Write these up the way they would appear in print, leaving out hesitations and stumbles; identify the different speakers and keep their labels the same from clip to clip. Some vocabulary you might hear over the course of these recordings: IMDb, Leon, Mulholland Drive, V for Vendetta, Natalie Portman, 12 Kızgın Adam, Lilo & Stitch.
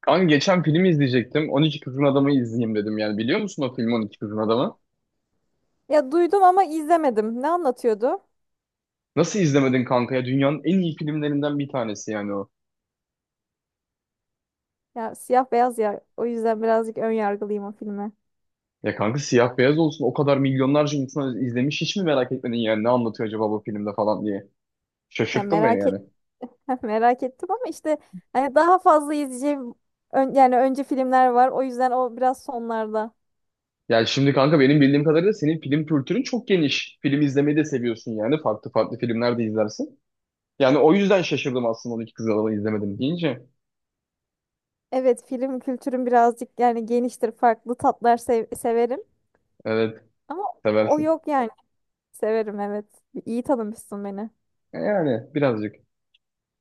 Speaker 1: Kanka geçen film izleyecektim. 12 Kızgın Adam'ı izleyeyim dedim yani. Biliyor musun o filmi 12 Kızgın Adam'ı?
Speaker 2: Ya duydum ama izlemedim. Ne anlatıyordu?
Speaker 1: Nasıl izlemedin kanka ya? Dünyanın en iyi filmlerinden bir tanesi yani o.
Speaker 2: Ya siyah beyaz ya. O yüzden birazcık ön yargılıyım o filme.
Speaker 1: Ya kanka siyah beyaz olsun o kadar milyonlarca insan izlemiş hiç mi merak etmedin yani ne anlatıyor acaba bu filmde falan diye.
Speaker 2: Ya
Speaker 1: Şaşırttın beni
Speaker 2: merak et
Speaker 1: yani.
Speaker 2: merak ettim ama işte hani daha fazla izleyeceğim, yani önce filmler var. O yüzden o biraz sonlarda.
Speaker 1: Yani şimdi kanka benim bildiğim kadarıyla senin film kültürün çok geniş. Film izlemeyi de seviyorsun yani. Farklı farklı filmler de izlersin. Yani o yüzden şaşırdım aslında 12 Kızgın Adam'ı izlemedim deyince.
Speaker 2: Evet, film kültürüm birazcık yani geniştir. Farklı tatlar severim.
Speaker 1: Evet,
Speaker 2: Ama o
Speaker 1: seversin.
Speaker 2: yok yani. Severim, evet. İyi tanımışsın beni.
Speaker 1: Yani birazcık.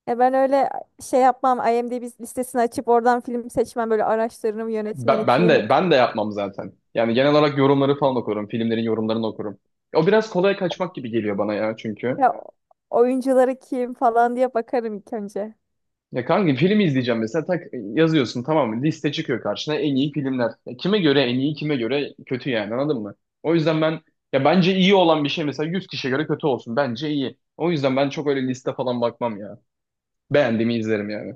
Speaker 2: Ya ben öyle şey yapmam. IMDb listesini açıp oradan film seçmem. Böyle araştırırım. Yönetmeni
Speaker 1: Ben, ben
Speaker 2: kim?
Speaker 1: de ben de yapmam zaten. Yani genel olarak yorumları falan okurum. Filmlerin yorumlarını okurum. O biraz kolay kaçmak gibi geliyor bana ya çünkü.
Speaker 2: Ya, oyuncuları kim falan diye bakarım ilk önce.
Speaker 1: Ya kanka filmi izleyeceğim mesela tak yazıyorsun tamam mı? Liste çıkıyor karşına en iyi filmler. Ya kime göre en iyi, kime göre kötü yani anladın mı? O yüzden ben ya bence iyi olan bir şey mesela 100 kişiye göre kötü olsun. Bence iyi. O yüzden ben çok öyle liste falan bakmam ya. Beğendiğimi izlerim yani.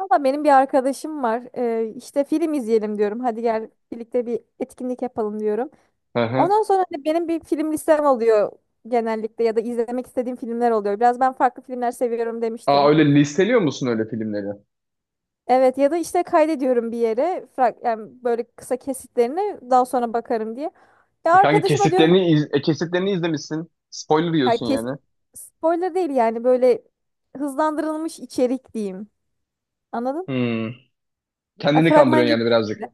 Speaker 2: Valla benim bir arkadaşım var. İşte film izleyelim diyorum. Hadi gel, birlikte bir etkinlik yapalım diyorum.
Speaker 1: Hı hı.
Speaker 2: Ondan sonra hani benim bir film listem oluyor genellikle, ya da izlemek istediğim filmler oluyor. Biraz ben farklı filmler seviyorum
Speaker 1: Aa,
Speaker 2: demiştim.
Speaker 1: öyle listeliyor musun öyle filmleri?
Speaker 2: Evet, ya da işte kaydediyorum bir yere, yani böyle kısa kesitlerini daha sonra bakarım diye. Ya
Speaker 1: E kanka
Speaker 2: arkadaşıma diyorum bak,
Speaker 1: kesitlerini kesitlerini izlemişsin. Spoiler
Speaker 2: ya
Speaker 1: yiyorsun
Speaker 2: kesit
Speaker 1: yani.
Speaker 2: spoiler değil yani, böyle hızlandırılmış içerik diyeyim. Anladın?
Speaker 1: Hmm.
Speaker 2: Ya
Speaker 1: Kendini
Speaker 2: fragman
Speaker 1: kandırıyorsun yani
Speaker 2: gibi.
Speaker 1: birazcık.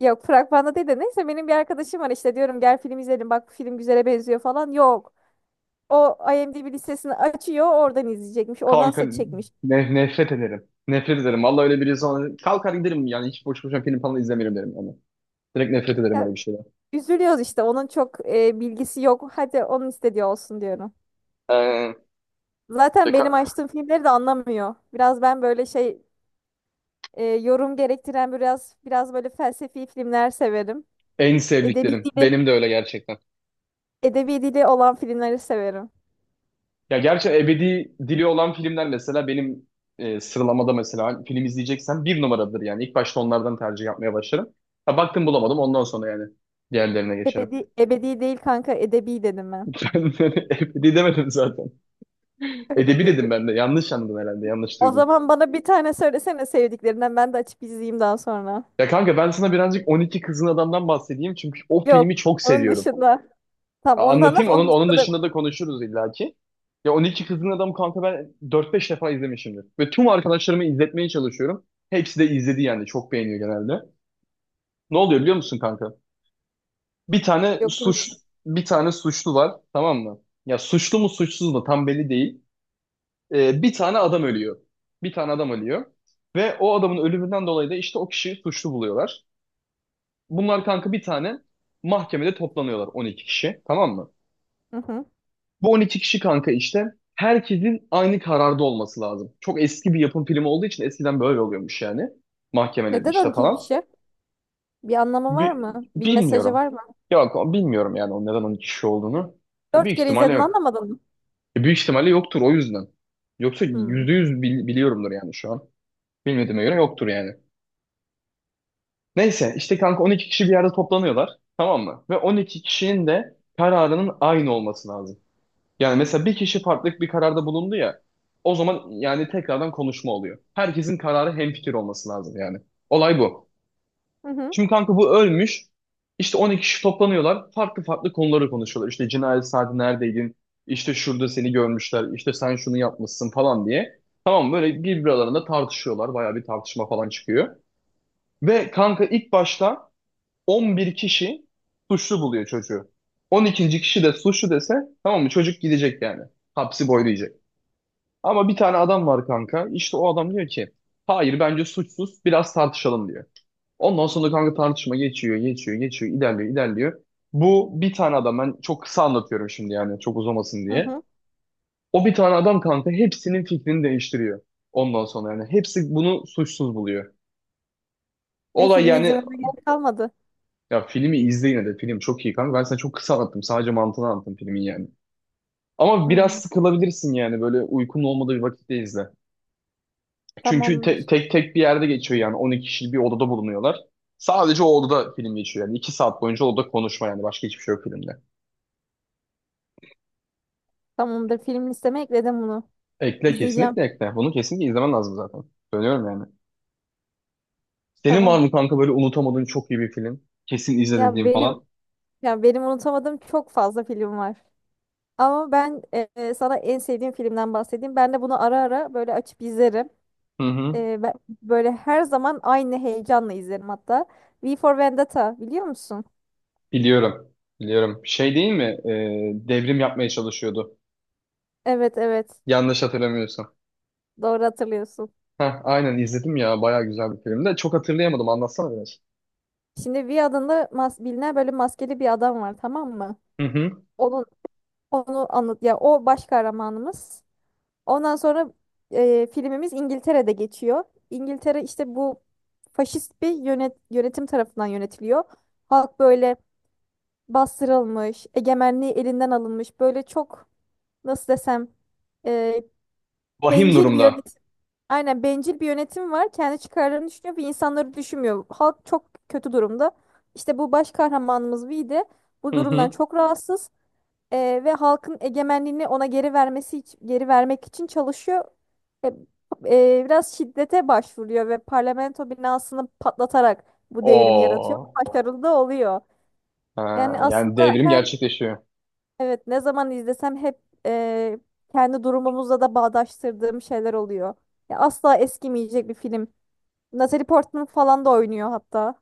Speaker 2: Yok, fragmanda değil de, neyse, benim bir arkadaşım var işte. Diyorum gel film izleyelim, bak bu film güzele benziyor falan. Yok. O IMDb listesini açıyor, oradan izleyecekmiş, oradan
Speaker 1: Kanka
Speaker 2: seçecekmiş.
Speaker 1: nefret ederim. Nefret ederim. Vallahi öyle biri sonra kalkar giderim yani hiç boş boşuna film falan izlemiyorum derim yani. Direkt nefret ederim
Speaker 2: Ya,
Speaker 1: öyle bir şeyden.
Speaker 2: üzülüyoruz işte, onun çok bilgisi yok. Hadi onun istediği olsun diyorum.
Speaker 1: Ee,
Speaker 2: Zaten benim
Speaker 1: deka-
Speaker 2: açtığım filmleri de anlamıyor. Biraz ben böyle şey, yorum gerektiren, biraz böyle felsefi filmler severim.
Speaker 1: En
Speaker 2: Edebi
Speaker 1: sevdiklerim.
Speaker 2: dili,
Speaker 1: Benim de öyle gerçekten.
Speaker 2: edebi dili olan filmleri severim.
Speaker 1: Ya gerçi ebedi dili olan filmler mesela benim sıralamada mesela film izleyeceksem bir numaradır yani. İlk başta onlardan tercih yapmaya başlarım. Ha, baktım bulamadım ondan sonra yani diğerlerine geçerim.
Speaker 2: Ebedi, ebedi değil kanka, edebi dedim ben.
Speaker 1: Ben ebedi demedim zaten.
Speaker 2: Öyle
Speaker 1: Edebi dedim
Speaker 2: dedim.
Speaker 1: ben de. Yanlış anladın herhalde. Yanlış
Speaker 2: O
Speaker 1: duydun.
Speaker 2: zaman bana bir tane söylesene sevdiklerinden, ben de açıp izleyeyim daha sonra.
Speaker 1: Ya kanka ben sana birazcık 12 Kızgın Adam'dan bahsedeyim çünkü o filmi
Speaker 2: Yok,
Speaker 1: çok
Speaker 2: onun
Speaker 1: seviyorum.
Speaker 2: dışında. Tamam, onu da anlat,
Speaker 1: Anlatayım onun
Speaker 2: onun
Speaker 1: onun
Speaker 2: dışında da.
Speaker 1: dışında da konuşuruz illaki. Ya 12 Kızgın Adam kanka ben dört beş defa izlemişimdir. Ve tüm arkadaşlarımı izletmeye çalışıyorum. Hepsi de izledi yani çok beğeniyor genelde. Ne oluyor biliyor musun kanka? Bir tane
Speaker 2: Yok,
Speaker 1: suç
Speaker 2: bilmiyorum.
Speaker 1: bir tane suçlu var tamam mı? Ya suçlu mu suçsuz mu tam belli değil. Bir tane adam ölüyor. Bir tane adam ölüyor. Ve o adamın ölümünden dolayı da işte o kişiyi suçlu buluyorlar. Bunlar kanka bir tane mahkemede toplanıyorlar, 12 kişi, tamam mı?
Speaker 2: Hı hı.
Speaker 1: Bu 12 kişi kanka işte herkesin aynı kararda olması lazım. Çok eski bir yapım filmi olduğu için eskiden böyle oluyormuş yani. Mahkemelerde
Speaker 2: Neden
Speaker 1: işte
Speaker 2: 12
Speaker 1: falan.
Speaker 2: kişi? Bir anlamı var
Speaker 1: Bi-
Speaker 2: mı? Bir mesajı
Speaker 1: Bilmiyorum.
Speaker 2: var mı?
Speaker 1: Yok, bilmiyorum yani o neden 12 kişi olduğunu. Ya
Speaker 2: Dört
Speaker 1: büyük
Speaker 2: kere
Speaker 1: ihtimalle
Speaker 2: izledin,
Speaker 1: yok.
Speaker 2: anlamadın mı?
Speaker 1: Büyük ihtimalle yoktur o yüzden. Yoksa
Speaker 2: Hmm.
Speaker 1: %100 biliyorumdur yani şu an. Bilmediğime göre yoktur yani. Neyse işte kanka 12 kişi bir yerde toplanıyorlar tamam mı? Ve 12 kişinin de kararının aynı olması lazım. Yani mesela bir kişi farklı bir kararda bulundu ya, o zaman yani tekrardan konuşma oluyor. Herkesin kararı hemfikir olması lazım yani. Olay bu.
Speaker 2: Hı hı.
Speaker 1: Şimdi kanka bu ölmüş. İşte 12 kişi toplanıyorlar. Farklı farklı konuları konuşuyorlar. İşte cinayet saati neredeydin? İşte şurada seni görmüşler. İşte sen şunu yapmışsın falan diye. Tamam, böyle birbirlerinde tartışıyorlar. Bayağı bir tartışma falan çıkıyor. Ve kanka ilk başta 11 kişi suçlu buluyor çocuğu. 12. kişi de suçlu dese tamam mı, çocuk gidecek yani. Hapsi boylayacak. Ama bir tane adam var kanka. İşte o adam diyor ki hayır, bence suçsuz, biraz tartışalım diyor. Ondan sonra kanka tartışma geçiyor, geçiyor, geçiyor, ilerliyor, ilerliyor. Bu bir tane adam, ben çok kısa anlatıyorum şimdi yani çok uzamasın
Speaker 2: Hı
Speaker 1: diye.
Speaker 2: hı.
Speaker 1: O bir tane adam kanka hepsinin fikrini değiştiriyor. Ondan sonra yani hepsi bunu suçsuz buluyor.
Speaker 2: E
Speaker 1: Olay
Speaker 2: filmi
Speaker 1: yani,
Speaker 2: izlememe gerek kalmadı.
Speaker 1: ya filmi izle yine de, film çok iyi kanka. Ben sana çok kısa anlattım, sadece mantığını anlattım filmin yani. Ama biraz
Speaker 2: Hmm,
Speaker 1: sıkılabilirsin yani, böyle uykun olmadığı bir vakitte izle. Çünkü
Speaker 2: tamamdır.
Speaker 1: tek tek bir yerde geçiyor yani, 12 kişi bir odada bulunuyorlar. Sadece o odada film geçiyor yani, 2 saat boyunca odada konuşma, yani başka hiçbir şey yok filmde.
Speaker 2: Tamamdır. Film listeme ekledim bunu.
Speaker 1: Ekle,
Speaker 2: İzleyeceğim.
Speaker 1: kesinlikle ekle. Bunu kesinlikle izlemen lazım zaten. Söylüyorum yani. Senin var
Speaker 2: Tamam.
Speaker 1: mı kanka böyle unutamadığın çok iyi bir film? Kesin izle
Speaker 2: Ya
Speaker 1: dediğin falan.
Speaker 2: benim ya benim unutamadığım çok fazla film var. Ama ben, sana en sevdiğim filmden bahsedeyim. Ben de bunu ara ara böyle açıp izlerim.
Speaker 1: Hı hı.
Speaker 2: Ben böyle her zaman aynı heyecanla izlerim hatta. V for Vendetta biliyor musun?
Speaker 1: Biliyorum. Biliyorum. Şey değil mi? Devrim yapmaya çalışıyordu.
Speaker 2: Evet, evet.
Speaker 1: Yanlış hatırlamıyorsam.
Speaker 2: Doğru hatırlıyorsun.
Speaker 1: Heh, aynen, izledim ya. Bayağı güzel bir film de. Çok hatırlayamadım. Anlatsana biraz.
Speaker 2: Şimdi V adında bilinen böyle maskeli bir adam var, tamam mı?
Speaker 1: Hı hı.
Speaker 2: Onun onu anlat ya, o baş kahramanımız. Ondan sonra, filmimiz İngiltere'de geçiyor. İngiltere işte bu faşist bir yönetim tarafından yönetiliyor. Halk böyle bastırılmış, egemenliği elinden alınmış. Böyle çok, nasıl desem, e,
Speaker 1: Vahim
Speaker 2: bencil bir
Speaker 1: durumda.
Speaker 2: yönetim. Aynen, bencil bir yönetim var. Kendi çıkarlarını düşünüyor ve insanları düşünmüyor. Halk çok kötü durumda. İşte bu baş kahramanımız Vee de bu
Speaker 1: Hı
Speaker 2: durumdan
Speaker 1: hı.
Speaker 2: çok rahatsız. Ve halkın egemenliğini ona geri geri vermek için çalışıyor. E, biraz şiddete başvuruyor ve parlamento binasını patlatarak bu devrimi yaratıyor.
Speaker 1: O
Speaker 2: Başarılı da oluyor.
Speaker 1: Ha,
Speaker 2: Yani
Speaker 1: yani
Speaker 2: aslında
Speaker 1: devrim
Speaker 2: her,
Speaker 1: gerçekleşiyor.
Speaker 2: evet, ne zaman izlesem hep, e, kendi durumumuzla da bağdaştırdığım şeyler oluyor. Ya asla eskimeyecek bir film. Natalie Portman falan da oynuyor hatta.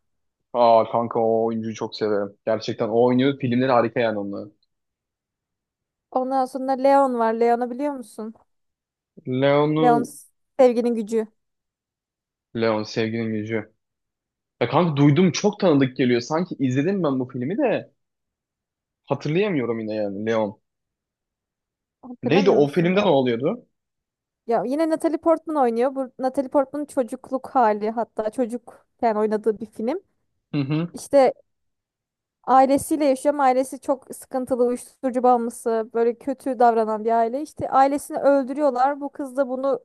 Speaker 1: Aa kanka, o oyuncuyu çok severim. Gerçekten o oynuyor. Filmleri harika yani onun.
Speaker 2: Ondan sonra Leon var. Leon'u biliyor musun?
Speaker 1: Leon'u.
Speaker 2: Leon, sevginin gücü.
Speaker 1: Leon, sevginin gücü. Ya kanka duydum, çok tanıdık geliyor. Sanki izledim ben bu filmi de hatırlayamıyorum yine yani, Leon. Neydi
Speaker 2: Hatırlamıyor
Speaker 1: o
Speaker 2: musun?
Speaker 1: filmde, ne oluyordu?
Speaker 2: Ya yine Natalie Portman oynuyor. Bu Natalie Portman'ın çocukluk hali, hatta çocukken oynadığı bir film.
Speaker 1: Hı hı.
Speaker 2: İşte ailesiyle yaşıyor, ama ailesi çok sıkıntılı, uyuşturucu bağımlısı, böyle kötü davranan bir aile. İşte ailesini öldürüyorlar. Bu kız da bunu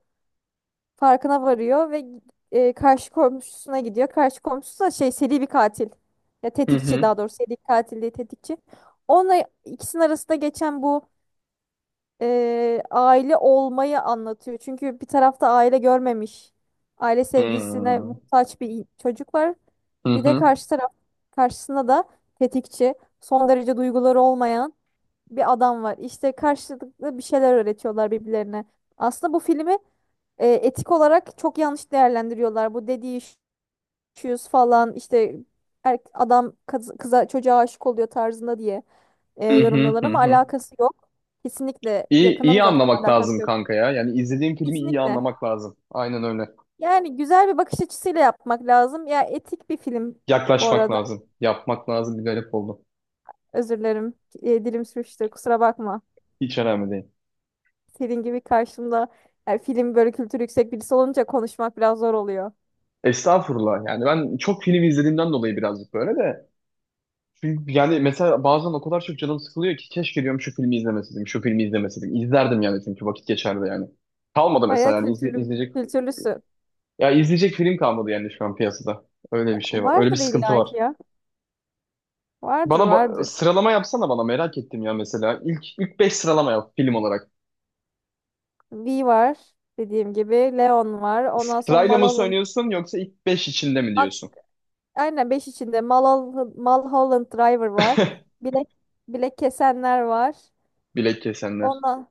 Speaker 2: farkına varıyor ve karşı komşusuna gidiyor. Karşı komşusu da şey, seri bir katil. Ya
Speaker 1: Hı
Speaker 2: tetikçi,
Speaker 1: hı.
Speaker 2: daha doğrusu seri katil değil, tetikçi. Onunla ikisinin arasında geçen bu, aile olmayı anlatıyor. Çünkü bir tarafta aile görmemiş, aile
Speaker 1: Hı
Speaker 2: sevgisine
Speaker 1: hı.
Speaker 2: muhtaç bir çocuk var. Bir de
Speaker 1: Hı
Speaker 2: karşı taraf, karşısında da tetikçi, son derece duyguları olmayan bir adam var. İşte karşılıklı bir şeyler öğretiyorlar birbirlerine. Aslında bu filmi etik olarak çok yanlış değerlendiriyorlar. Bu dediği şu, şu falan işte, adam kıza, çocuğa aşık oluyor tarzında diye
Speaker 1: hı.
Speaker 2: yorumluyorlar,
Speaker 1: Hı
Speaker 2: ama
Speaker 1: hı.
Speaker 2: alakası yok. Kesinlikle
Speaker 1: İyi,
Speaker 2: yakından
Speaker 1: iyi
Speaker 2: uzaktan
Speaker 1: anlamak
Speaker 2: alakası
Speaker 1: lazım
Speaker 2: yok.
Speaker 1: kanka ya. Yani izlediğim filmi iyi
Speaker 2: Kesinlikle.
Speaker 1: anlamak lazım. Aynen öyle.
Speaker 2: Yani güzel bir bakış açısıyla yapmak lazım. Ya etik bir film bu
Speaker 1: Yaklaşmak
Speaker 2: arada.
Speaker 1: lazım. Yapmak lazım. Bir garip oldu.
Speaker 2: Özür dilerim. Dilim sürçtü. Kusura bakma.
Speaker 1: Hiç önemli değil.
Speaker 2: Senin gibi karşımda, yani film böyle kültürü yüksek birisi olunca, konuşmak biraz zor oluyor.
Speaker 1: Estağfurullah, yani ben çok film izlediğimden dolayı birazcık böyle de. Çünkü yani mesela bazen o kadar çok canım sıkılıyor ki keşke diyorum şu filmi izlemeseydim, şu filmi izlemeseydim. İzlerdim yani çünkü vakit geçerdi yani. Kalmadı mesela,
Speaker 2: Bayağı
Speaker 1: yani izleyecek,
Speaker 2: kültürlüsün.
Speaker 1: ya izleyecek film kalmadı yani şu an piyasada. Öyle
Speaker 2: Ya,
Speaker 1: bir şey var. Öyle bir
Speaker 2: vardır
Speaker 1: sıkıntı
Speaker 2: illa
Speaker 1: var.
Speaker 2: ki ya. Vardır,
Speaker 1: Bana
Speaker 2: vardır.
Speaker 1: sıralama yapsana, bana merak ettim ya mesela. İlk beş sıralama yap film olarak.
Speaker 2: V var dediğim gibi. Leon var. Ondan sonra
Speaker 1: Sırayla mı söylüyorsun, yoksa ilk 5 içinde mi diyorsun?
Speaker 2: Aynen, 5 içinde Mulholland Driver var. Bilek, bilek Kesenler var.
Speaker 1: Bilek kesenler.
Speaker 2: Ona,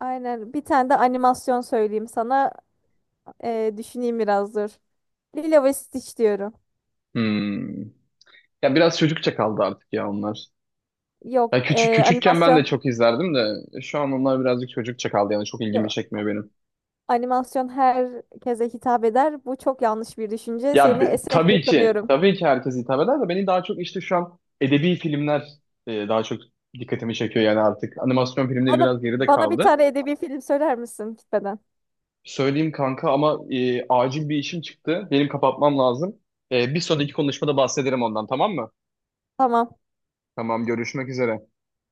Speaker 2: aynen, bir tane de animasyon söyleyeyim sana. Düşüneyim biraz, dur. Lilo ve Stitch diyorum.
Speaker 1: Hmm. Ya biraz çocukça kaldı artık ya onlar.
Speaker 2: Yok,
Speaker 1: Ya küçük küçükken ben
Speaker 2: animasyon.
Speaker 1: de çok izlerdim de şu an onlar birazcık çocukça kaldı yani, çok ilgimi
Speaker 2: Yok.
Speaker 1: çekmiyor benim.
Speaker 2: Animasyon herkese hitap eder. Bu çok yanlış bir düşünce.
Speaker 1: Ya
Speaker 2: Seni esefle
Speaker 1: tabii ki
Speaker 2: tanıyorum.
Speaker 1: tabii ki herkes hitap eder de beni daha çok işte şu an edebi filmler daha çok dikkatimi çekiyor yani artık. Animasyon filmleri
Speaker 2: Bana,
Speaker 1: biraz geride
Speaker 2: bana bir
Speaker 1: kaldı.
Speaker 2: tane edebi film söyler misin gitmeden?
Speaker 1: Söyleyeyim kanka ama acil bir işim çıktı. Benim kapatmam lazım. Bir sonraki konuşmada bahsederim ondan, tamam mı?
Speaker 2: Tamam.
Speaker 1: Tamam, görüşmek üzere.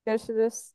Speaker 2: Görüşürüz.